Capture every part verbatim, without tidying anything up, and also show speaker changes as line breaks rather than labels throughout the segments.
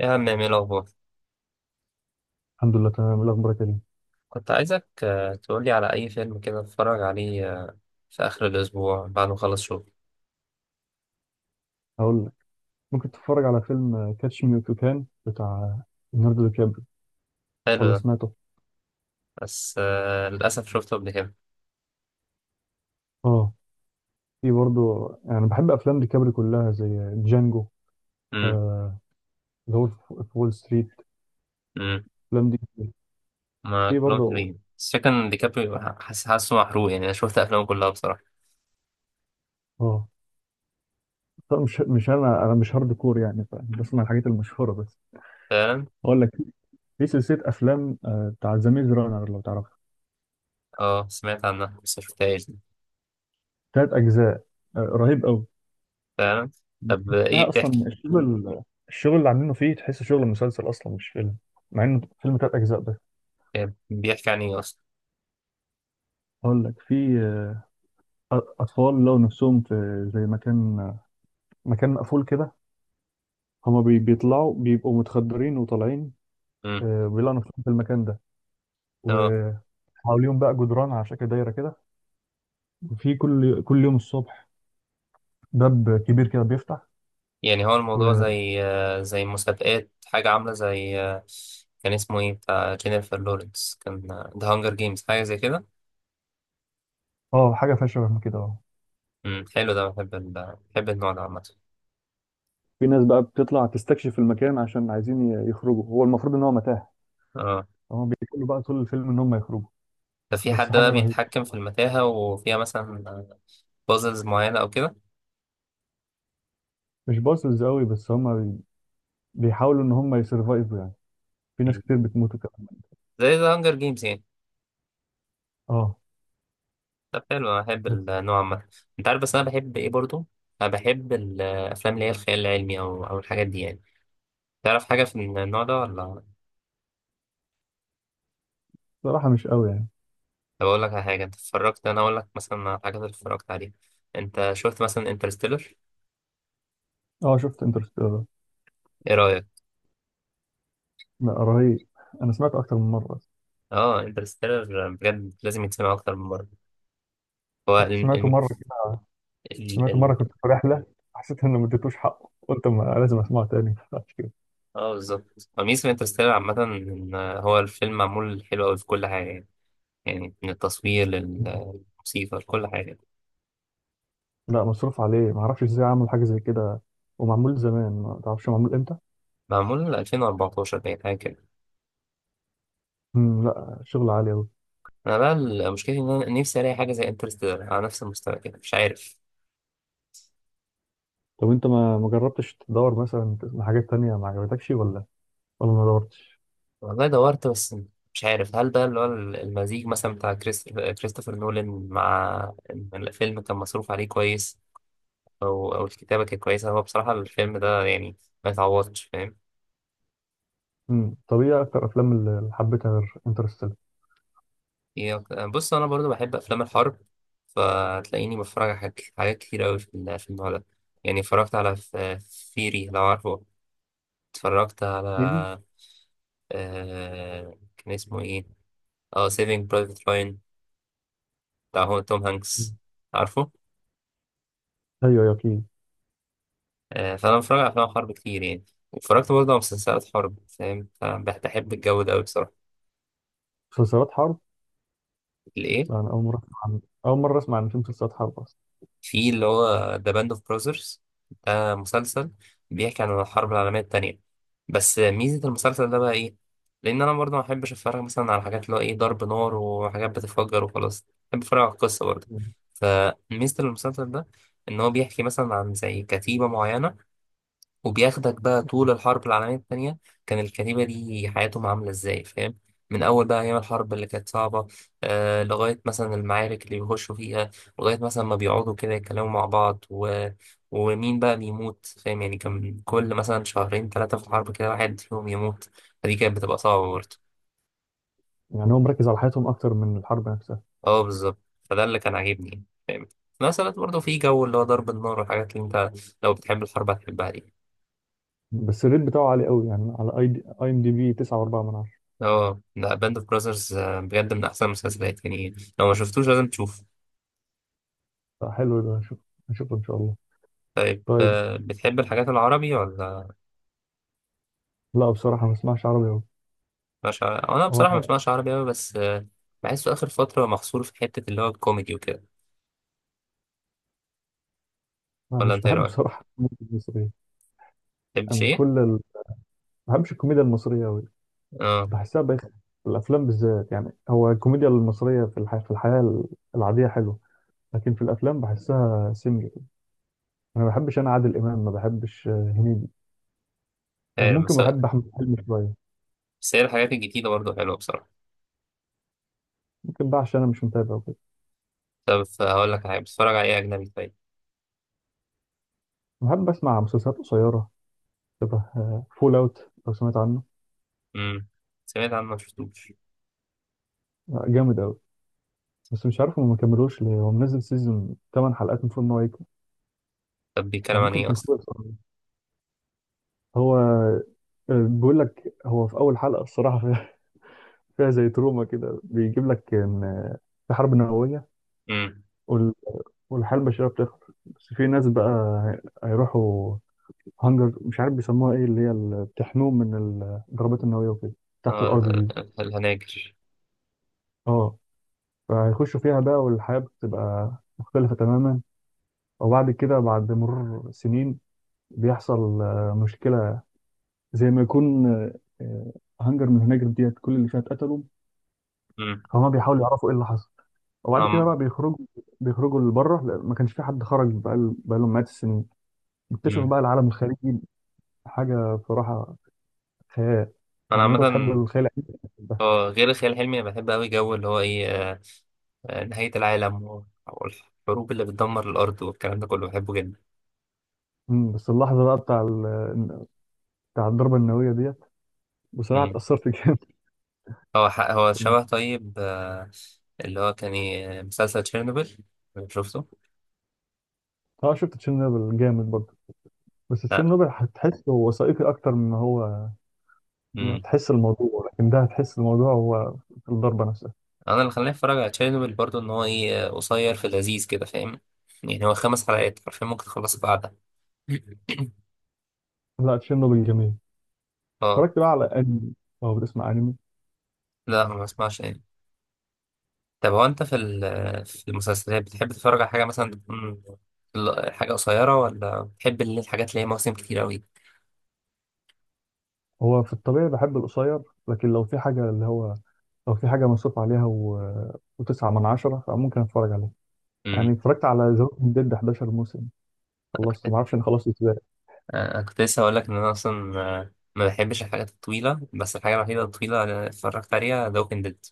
يا عم، ايه الأخبار؟
الحمد لله، تمام. إيه الاخبار يا كريم؟
كنت عايزك آه، تقولي على أي فيلم كده أتفرج عليه آه، في آخر الأسبوع بعد ما أخلص شغل.
هقول لك. ممكن تتفرج على فيلم كاتش مي إف يو كان، بتاع ليوناردو دي كابري.
حلو
ولا
ده،
سمعته؟
بس آه، للأسف شفته قبل كده.
اه. في برضه. يعني بحب افلام دي كابري كلها، زي جانجو.
أمم.
آه. اللي هو في في وول ستريت،
أمم.
الافلام دي.
ما
في
كلهم
برضه.
حلوين، بس فكرة إن ديكابريو ح- حاسس حاسه محروق، يعني أنا شفت أفلامه كلها بصراحة.
اه. طب مش مش انا انا مش هارد كور يعني، بسمع الحاجات المشهوره بس.
فعلا.
هقول لك. في سلسله افلام آه بتاع ذا ميز رانر، لو تعرفها.
أه، سمعت عنها بس مشفتهاش دي.
ثلاث اجزاء. آه رهيب قوي.
فعلا. طب، آه،
لا،
إيه
اصلا
بتحكي؟
الشغل الشغل اللي عاملينه فيه، تحسه شغل مسلسل اصلا مش فيلم، مع انه فيلم. تلات اجزاء ده.
آه، بيحكي عن إيه أصلا؟
هقول لك. في آه، اطفال لو نفسهم في زي مكان مكان مقفول كده. هما بي- بيطلعوا بيبقوا متخدرين وطالعين.
أمم.
آه، بيلاقوا نفسهم في المكان ده،
آه.
وحواليهم بقى جدران على شكل دايره كده. وفي كل كل يوم الصبح باب كبير كده بيفتح.
يعني هو الموضوع
و
زي آه، زي مسابقات، حاجة عاملة زي آه، كان اسمه ايه، بتاع جينيفر لورنس، كان ذا هانجر جيمز، حاجة زي كده.
اه، حاجه فيها شبه من كده. اه.
امم، حلو ده. بحب ال... بحب النوع ده عامة.
في ناس بقى بتطلع تستكشف المكان عشان عايزين ي- يخرجوا. هو المفروض ان هو متاهه.
اه.
هما بيقولوا بقى طول الفيلم ان هم يخرجوا،
ده في
بس
حد
حاجة
بقى
رهيبة.
بيتحكم في المتاهة، وفيها مثلا بازلز معينة أو كده.
مش باصص قوي، بس هما بي- بيحاولوا ان هما يسرفايفوا يعني. في ناس
مم.
كتير بتموتوا كمان.
زي ذا هانجر جيمز يعني.
اه.
طب حلو، أنا بحب
بس
النوع عامة. أنت عارف، بس أنا بحب ايه برضو؟ أنا بحب الأفلام اللي هي الخيال العلمي، أو أو الحاجات دي يعني. تعرف حاجة في النوع ده ولا؟
بصراحة مش قوي يعني.
طب اقول لك على حاجه انت اتفرجت، انا اقول لك مثلا على الحاجات اللي اتفرجت عليها. انت شفت مثلا انترستيلر؟
اه، شفت انترستيلر.
ايه رايك؟
لا، رهيب. انا سمعته اكتر من مرة.
اه، انترستيلر بجد لازم يتسمع اكتر من مره. هو ال
حتى سمعته
ال
مرة كده.
ال
سمعته مرة
ال
كنت في رحلة، حسيت ان ما اديتوش حقه، قلت ما لازم اسمعه تاني عشان كده.
اه بالظبط، ميزه انترستيلر عامه ان هو الفيلم معمول حلو قوي في كل حاجه يعني. يعني من التصوير للموسيقى، لكل حاجه.
لا، مصروف عليه. ما اعرفش ازاي عمل حاجة زي كده، ومعمول زمان، ما تعرفش معمول امتى.
معمول ألفين وأربعتاشر باين، حاجه كده.
مم، لا، شغل عالي قوي.
انا بقى المشكله ان انا نفسي الاقي حاجه زي انترستيلر على نفس المستوى كده، مش عارف.
طب انت ما ما جربتش تدور مثلا تسمع حاجات تانية، ما عجبتكش ولا ولا ما دورتش؟
والله دورت، بس مش عارف هل ده اللي هو المزيج مثلا بتاع كريست- كريستوفر نولان، مع إن الفيلم كان مصروف عليه كويس، او او الكتابه كانت كويسه. هو بصراحه الفيلم ده يعني ما يتعوضش، فاهم.
مم. طب ايه اكتر افلام اللي حبيتها غير انترستيلر؟
إيه، أك- بص انا برضو بحب افلام الحرب، فتلاقيني بتفرج على حاجات حاجات كتير قوي في ال- في النوع ده. يعني اتفرجت على فيري، لو عارفه. اتفرجت على
أكيد.
آه كان اسمه ايه، اه سيفينج برايفت راين، بتاع هو توم
مم.
هانكس. عارفه؟
ايوه، ايوه، اكيد.
آه، فأنا بتفرج على أفلام حرب كتير يعني، واتفرجت برضه على مسلسلات حرب، فاهم، فبحب الجو ده أوي بصراحة.
مسلسلات حرب؟
الإيه؟
يعني اول مره اسمع عن اول مره اسمع ان في مسلسلات حرب اصلا.
في اللي هو ذا باند أوف براذرز، ده مسلسل بيحكي عن الحرب العالمية التانية. بس ميزة المسلسل ده بقى إيه؟ لأن أنا برضه ما بحبش أتفرج مثلا على حاجات اللي هو إيه، ضرب نار وحاجات بتتفجر وخلاص. بحب أتفرج على القصة برضه.
مم.
فميزة المسلسل ده، إن هو بيحكي مثلا عن زي كتيبة معينة، وبياخدك بقى طول الحرب العالمية التانية. كان الكتيبة دي حياتهم عاملة ازاي، فاهم. من أول بقى أيام الحرب اللي كانت صعبة، آه لغاية مثلا المعارك اللي بيخشوا فيها، لغاية مثلا ما بيقعدوا كده يتكلموا مع بعض، و... ومين بقى بيموت، فاهم. يعني كان كل مثلا شهرين ثلاثة في الحرب كده واحد فيهم يموت، فدي كانت بتبقى صعبة برضه.
يعني هو مركز على حياتهم اكتر من الحرب نفسها.
اه بالظبط، فده اللي كان عاجبني يعني، فاهم. في نفس الوقت برضه في جو اللي هو ضرب النار والحاجات اللي انت، لو بتحب الحرب هتحبها دي.
بس الريت بتاعه عالي قوي يعني، على اي دي اي ام دي بي، تسعة فاصلة أربعة من عشرة.
اه، لا باند اوف براذرز بجد من احسن المسلسلات يعني، لو ما شفتوش لازم تشوف.
فحلو ده، هشوف هشوفه ان شاء الله.
طيب،
طيب.
آه، بتحب الحاجات العربي ولا؟
لا، بصراحه ما بسمعش عربي قوي.
مش عربي؟ انا
هو
بصراحه ما
انا
بسمعش عربي قوي، بس آه، بحسه اخر فتره محصور في حته اللي هو الكوميدي وكده.
أنا
ولا
مش
انت ايه
بحب
رايك؟
بصراحه الكوميديا المصريه.
بتحبش
انا
ايه؟
كل ال... ما بحبش الكوميديا المصريه قوي.
اه
بحسها بقت، في الافلام بالذات. يعني هو الكوميديا المصريه في الحياه في الحياه العاديه حلوه، لكن في الافلام بحسها سمجة كده. انا ما بحبش، انا عادل امام ما بحبش، آه، هنيدي. آه،
عارف،
ممكن
بس
بحب احمد حلمي شويه.
بس هي الحاجات الجديده برضه حلوه بصراحه.
ممكن بقى عشان انا مش متابع وكده.
طب هقول لك حاجه، بتتفرج على ايه اجنبي طيب؟
بحب اسمع مسلسلات قصيره شبه فول اوت، لو سمعت عنه.
امم. سمعت عنه، ما شفتوش.
آه، جامد قوي. بس مش عارف هو ما كملوش ليه، هو منزل سيزون ثماني حلقات، المفروض ان هو يكمل،
طب بيتكلم
او
عن
ممكن
ايه
يكون
اصلا؟
خلص أصلاً. هو آه، بيقول لك، هو في اول حلقه الصراحه فيها، فيها زي تروما كده. بيجيب لك ان آه، في حرب نوويه،
امم.
وال- والحياة البشرية بتخلص. بس في ناس بقى هيروحوا هانجر، مش عارف بيسموها ايه، اللي هي اللي بتحميهم من الضربات النووية وكده، تحت
اه،
الأرض دي.
ال- ال- الهناجر.
اه. فهيخشوا فيها بقى، والحياة بتبقى مختلفة تماما. وبعد كده، بعد مرور سنين، بيحصل آه، مشكلة. زي ما يكون، آه، آه، هانجر من هناجر ديت كل اللي فيها اتقتلوا.
امم.
هما بيحاولوا يعرفوا ايه اللي حصل. وبعد كده
نعم.
بقى بيخرجوا بيخرجوا لبره، لأن ما كانش في حد خرج بقى لهم مئات السنين. بيكتشفوا
امم.
بقى العالم الخارجي، حاجة بصراحة خيال.
انا
يعني لو
عامه،
انت بتحب الخيال العلمي.
اه غير الخيال العلمي انا بحب قوي جو اللي هو ايه آه، آه، نهاية العالم، و- والحروب اللي بتدمر الارض والكلام ده كله بحبه جدا.
مم، بس اللحظة بقى بتاع ال... بتاع الضربة النووية ديت، بصراحة
مم.
اتأثرت جامد.
هو ح- هو شبه طيب، آه، اللي هو كان إيه، مسلسل تشيرنوبل. شفته؟
اه، شفت تشيرنوبل جامد برضه. بس
لا.
تشيرنوبل هتحس هو وثائقي أكتر، من هو ما
مم.
تحس الموضوع. لكن ده هتحس الموضوع، هو في الضربة نفسها.
انا اللي خلاني اتفرج على تشيرنوبل برضو ان هو ايه، آه، قصير في لذيذ كده، فاهم. يعني هو خمس حلقات حرفيا ممكن تخلص بعدها.
لا، تشيرنوبل جميل.
اه،
اتفرجت بقى على أنمي؟ أو بتسمع أنمي؟
لا ما بسمعش يعني. طب هو انت في ال- في المسلسلات بتحب تتفرج على حاجه مثلا تكون ال- حاجه قصيره، ولا بتحب اللي- الحاجات اللي هي مواسم كتير قوي؟
هو في الطبيعي بحب القصير، لكن لو في حاجة اللي هو لو في حاجة مصروف عليها و... وتسعة من عشرة، فممكن أتفرج عليه. يعني
امم.
اتفرجت على ذا ووكينج ديد احداشر موسم،
انا
خلصته
كنت،
معرفش أنا خلصت إزاي.
أنا كنت لسه هقول لك ان انا اصلا آه، ما بحبش الحاجات الطويله، بس الحاجه الوحيده الطويله اللي اتفرجت عليها ذا ووكينج ديد.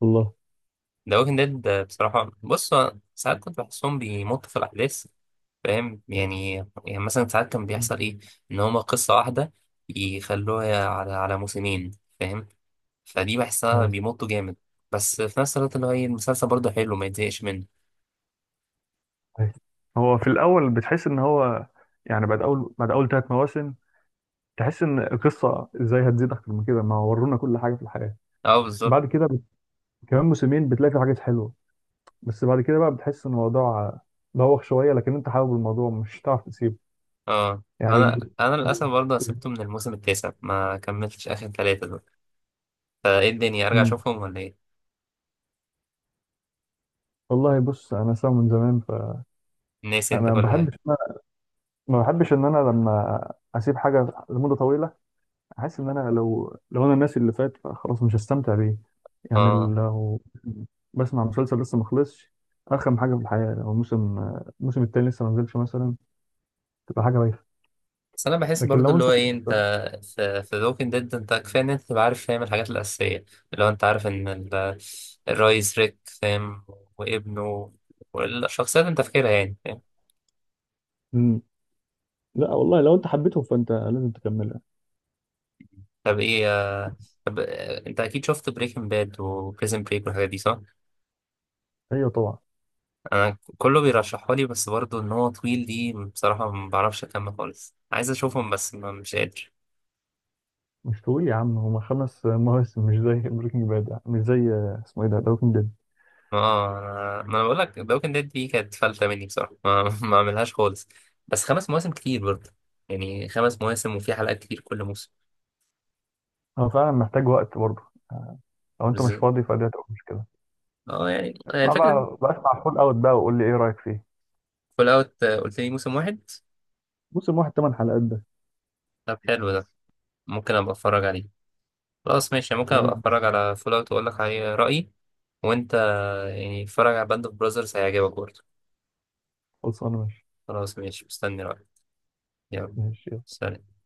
والله.
ذا ووكينج ديد بصراحه، بص هو ساعات كنت بحسهم بيمطوا في الاحداث، فاهم يعني. يعني مثلا ساعات كان بيحصل ايه، ان هما قصه واحده يخلوها على على موسمين، فاهم. فدي بحسها
هاي.
بيمطوا جامد. بس في نفس الوقت اللي هو ايه، المسلسل برضه حلو ما يتزهقش منه.
أيوة. هو في الأول بتحس إن هو، يعني بعد أول بعد أول ثلاث مواسم، تحس إن القصة إزاي هتزيد أكتر من كده، ما ورونا كل حاجة في الحياة.
اه بالظبط.
بعد كده بت... كمان موسمين بتلاقي في حاجات حلوة. بس بعد كده بقى بتحس إن الموضوع بوخ شوية، لكن أنت حابب الموضوع مش هتعرف تسيبه.
اه،
يعني
انا
ب...
انا للاسف
ب-
برضه سبته من الموسم التاسع، ما كملتش اخر ثلاثة دول. فايه الدنيا، ارجع
مم.
اشوفهم ولا ايه؟
والله، بص أنا سامع من زمان، فأنا
ناسي انت
ما
كل حاجة.
بحبش ما بحبش إن أنا لما أسيب حاجة لمدة طويلة، حاسس ان انا لو لو انا الناس اللي فات فخلاص مش هستمتع بيه يعني.
اه
لو بسمع مسلسل لسه ما خلصش، ارخم حاجه في الحياه لو الموسم الموسم التاني لسه ما نزلش مثلا، تبقى حاجه بايخه.
بس انا بحس
لكن
برضه
لو
اللي
انت
هو ايه انت، في في ووكينج ديد انت كفايه ان انت تبقى عارف، فاهم، الحاجات الاساسيه، اللي هو انت عارف ان ال- الرئيس ريك فاهم، وابنه، والشخصيات انت فاكرها يعني.
مم. لا والله، لو انت حبيته فانت لازم تكملها.
طب ايه، آه، طب آه، انت اكيد شفت بريكنج باد وبريزن بريك والحاجات دي صح؟
ايوه طبعا.
انا كله بيرشحها لي، بس برضه ان هو طويل دي بصراحة، ما بعرفش اكمل خالص، عايز اشوفهم بس ما مش قادر.
مش طويل يا عم، هما خمس مواسم، مش زي بريكنج باد، مش زي اسمه ايه ده، بريكنج باد.
ما انا ما انا بقول لك، بريكنج باد دي كانت فلتة مني بصراحة، ما ما اعملهاش خالص. بس خمس مواسم كتير برضه، يعني خمس مواسم وفي حلقات كتير كل موسم.
هو فعلا محتاج وقت برضه، لو انت مش
بز...
فاضي فدي هتبقى مشكله.
اه يعني، يعني
اسمع
الفكرة.
بقى بقى اسمع فول اوت بقى، وقول لي ايه رايك فيه.
فول اوت قلت لي موسم واحد؟
موسم واحد ثمان حلقات ده.
طب حلو ده، ممكن ابقى اتفرج عليه. خلاص ماشي، ممكن ابقى
تمام.
اتفرج على فول اوت واقول لك عليه رأيي. وانت يعني اتفرج على باند اوف براذرز، هيعجبك برضه.
خلصانه، ماشي.
خلاص ماشي، مستني رأيك. يلا.
ماشي، يلا.
سلام.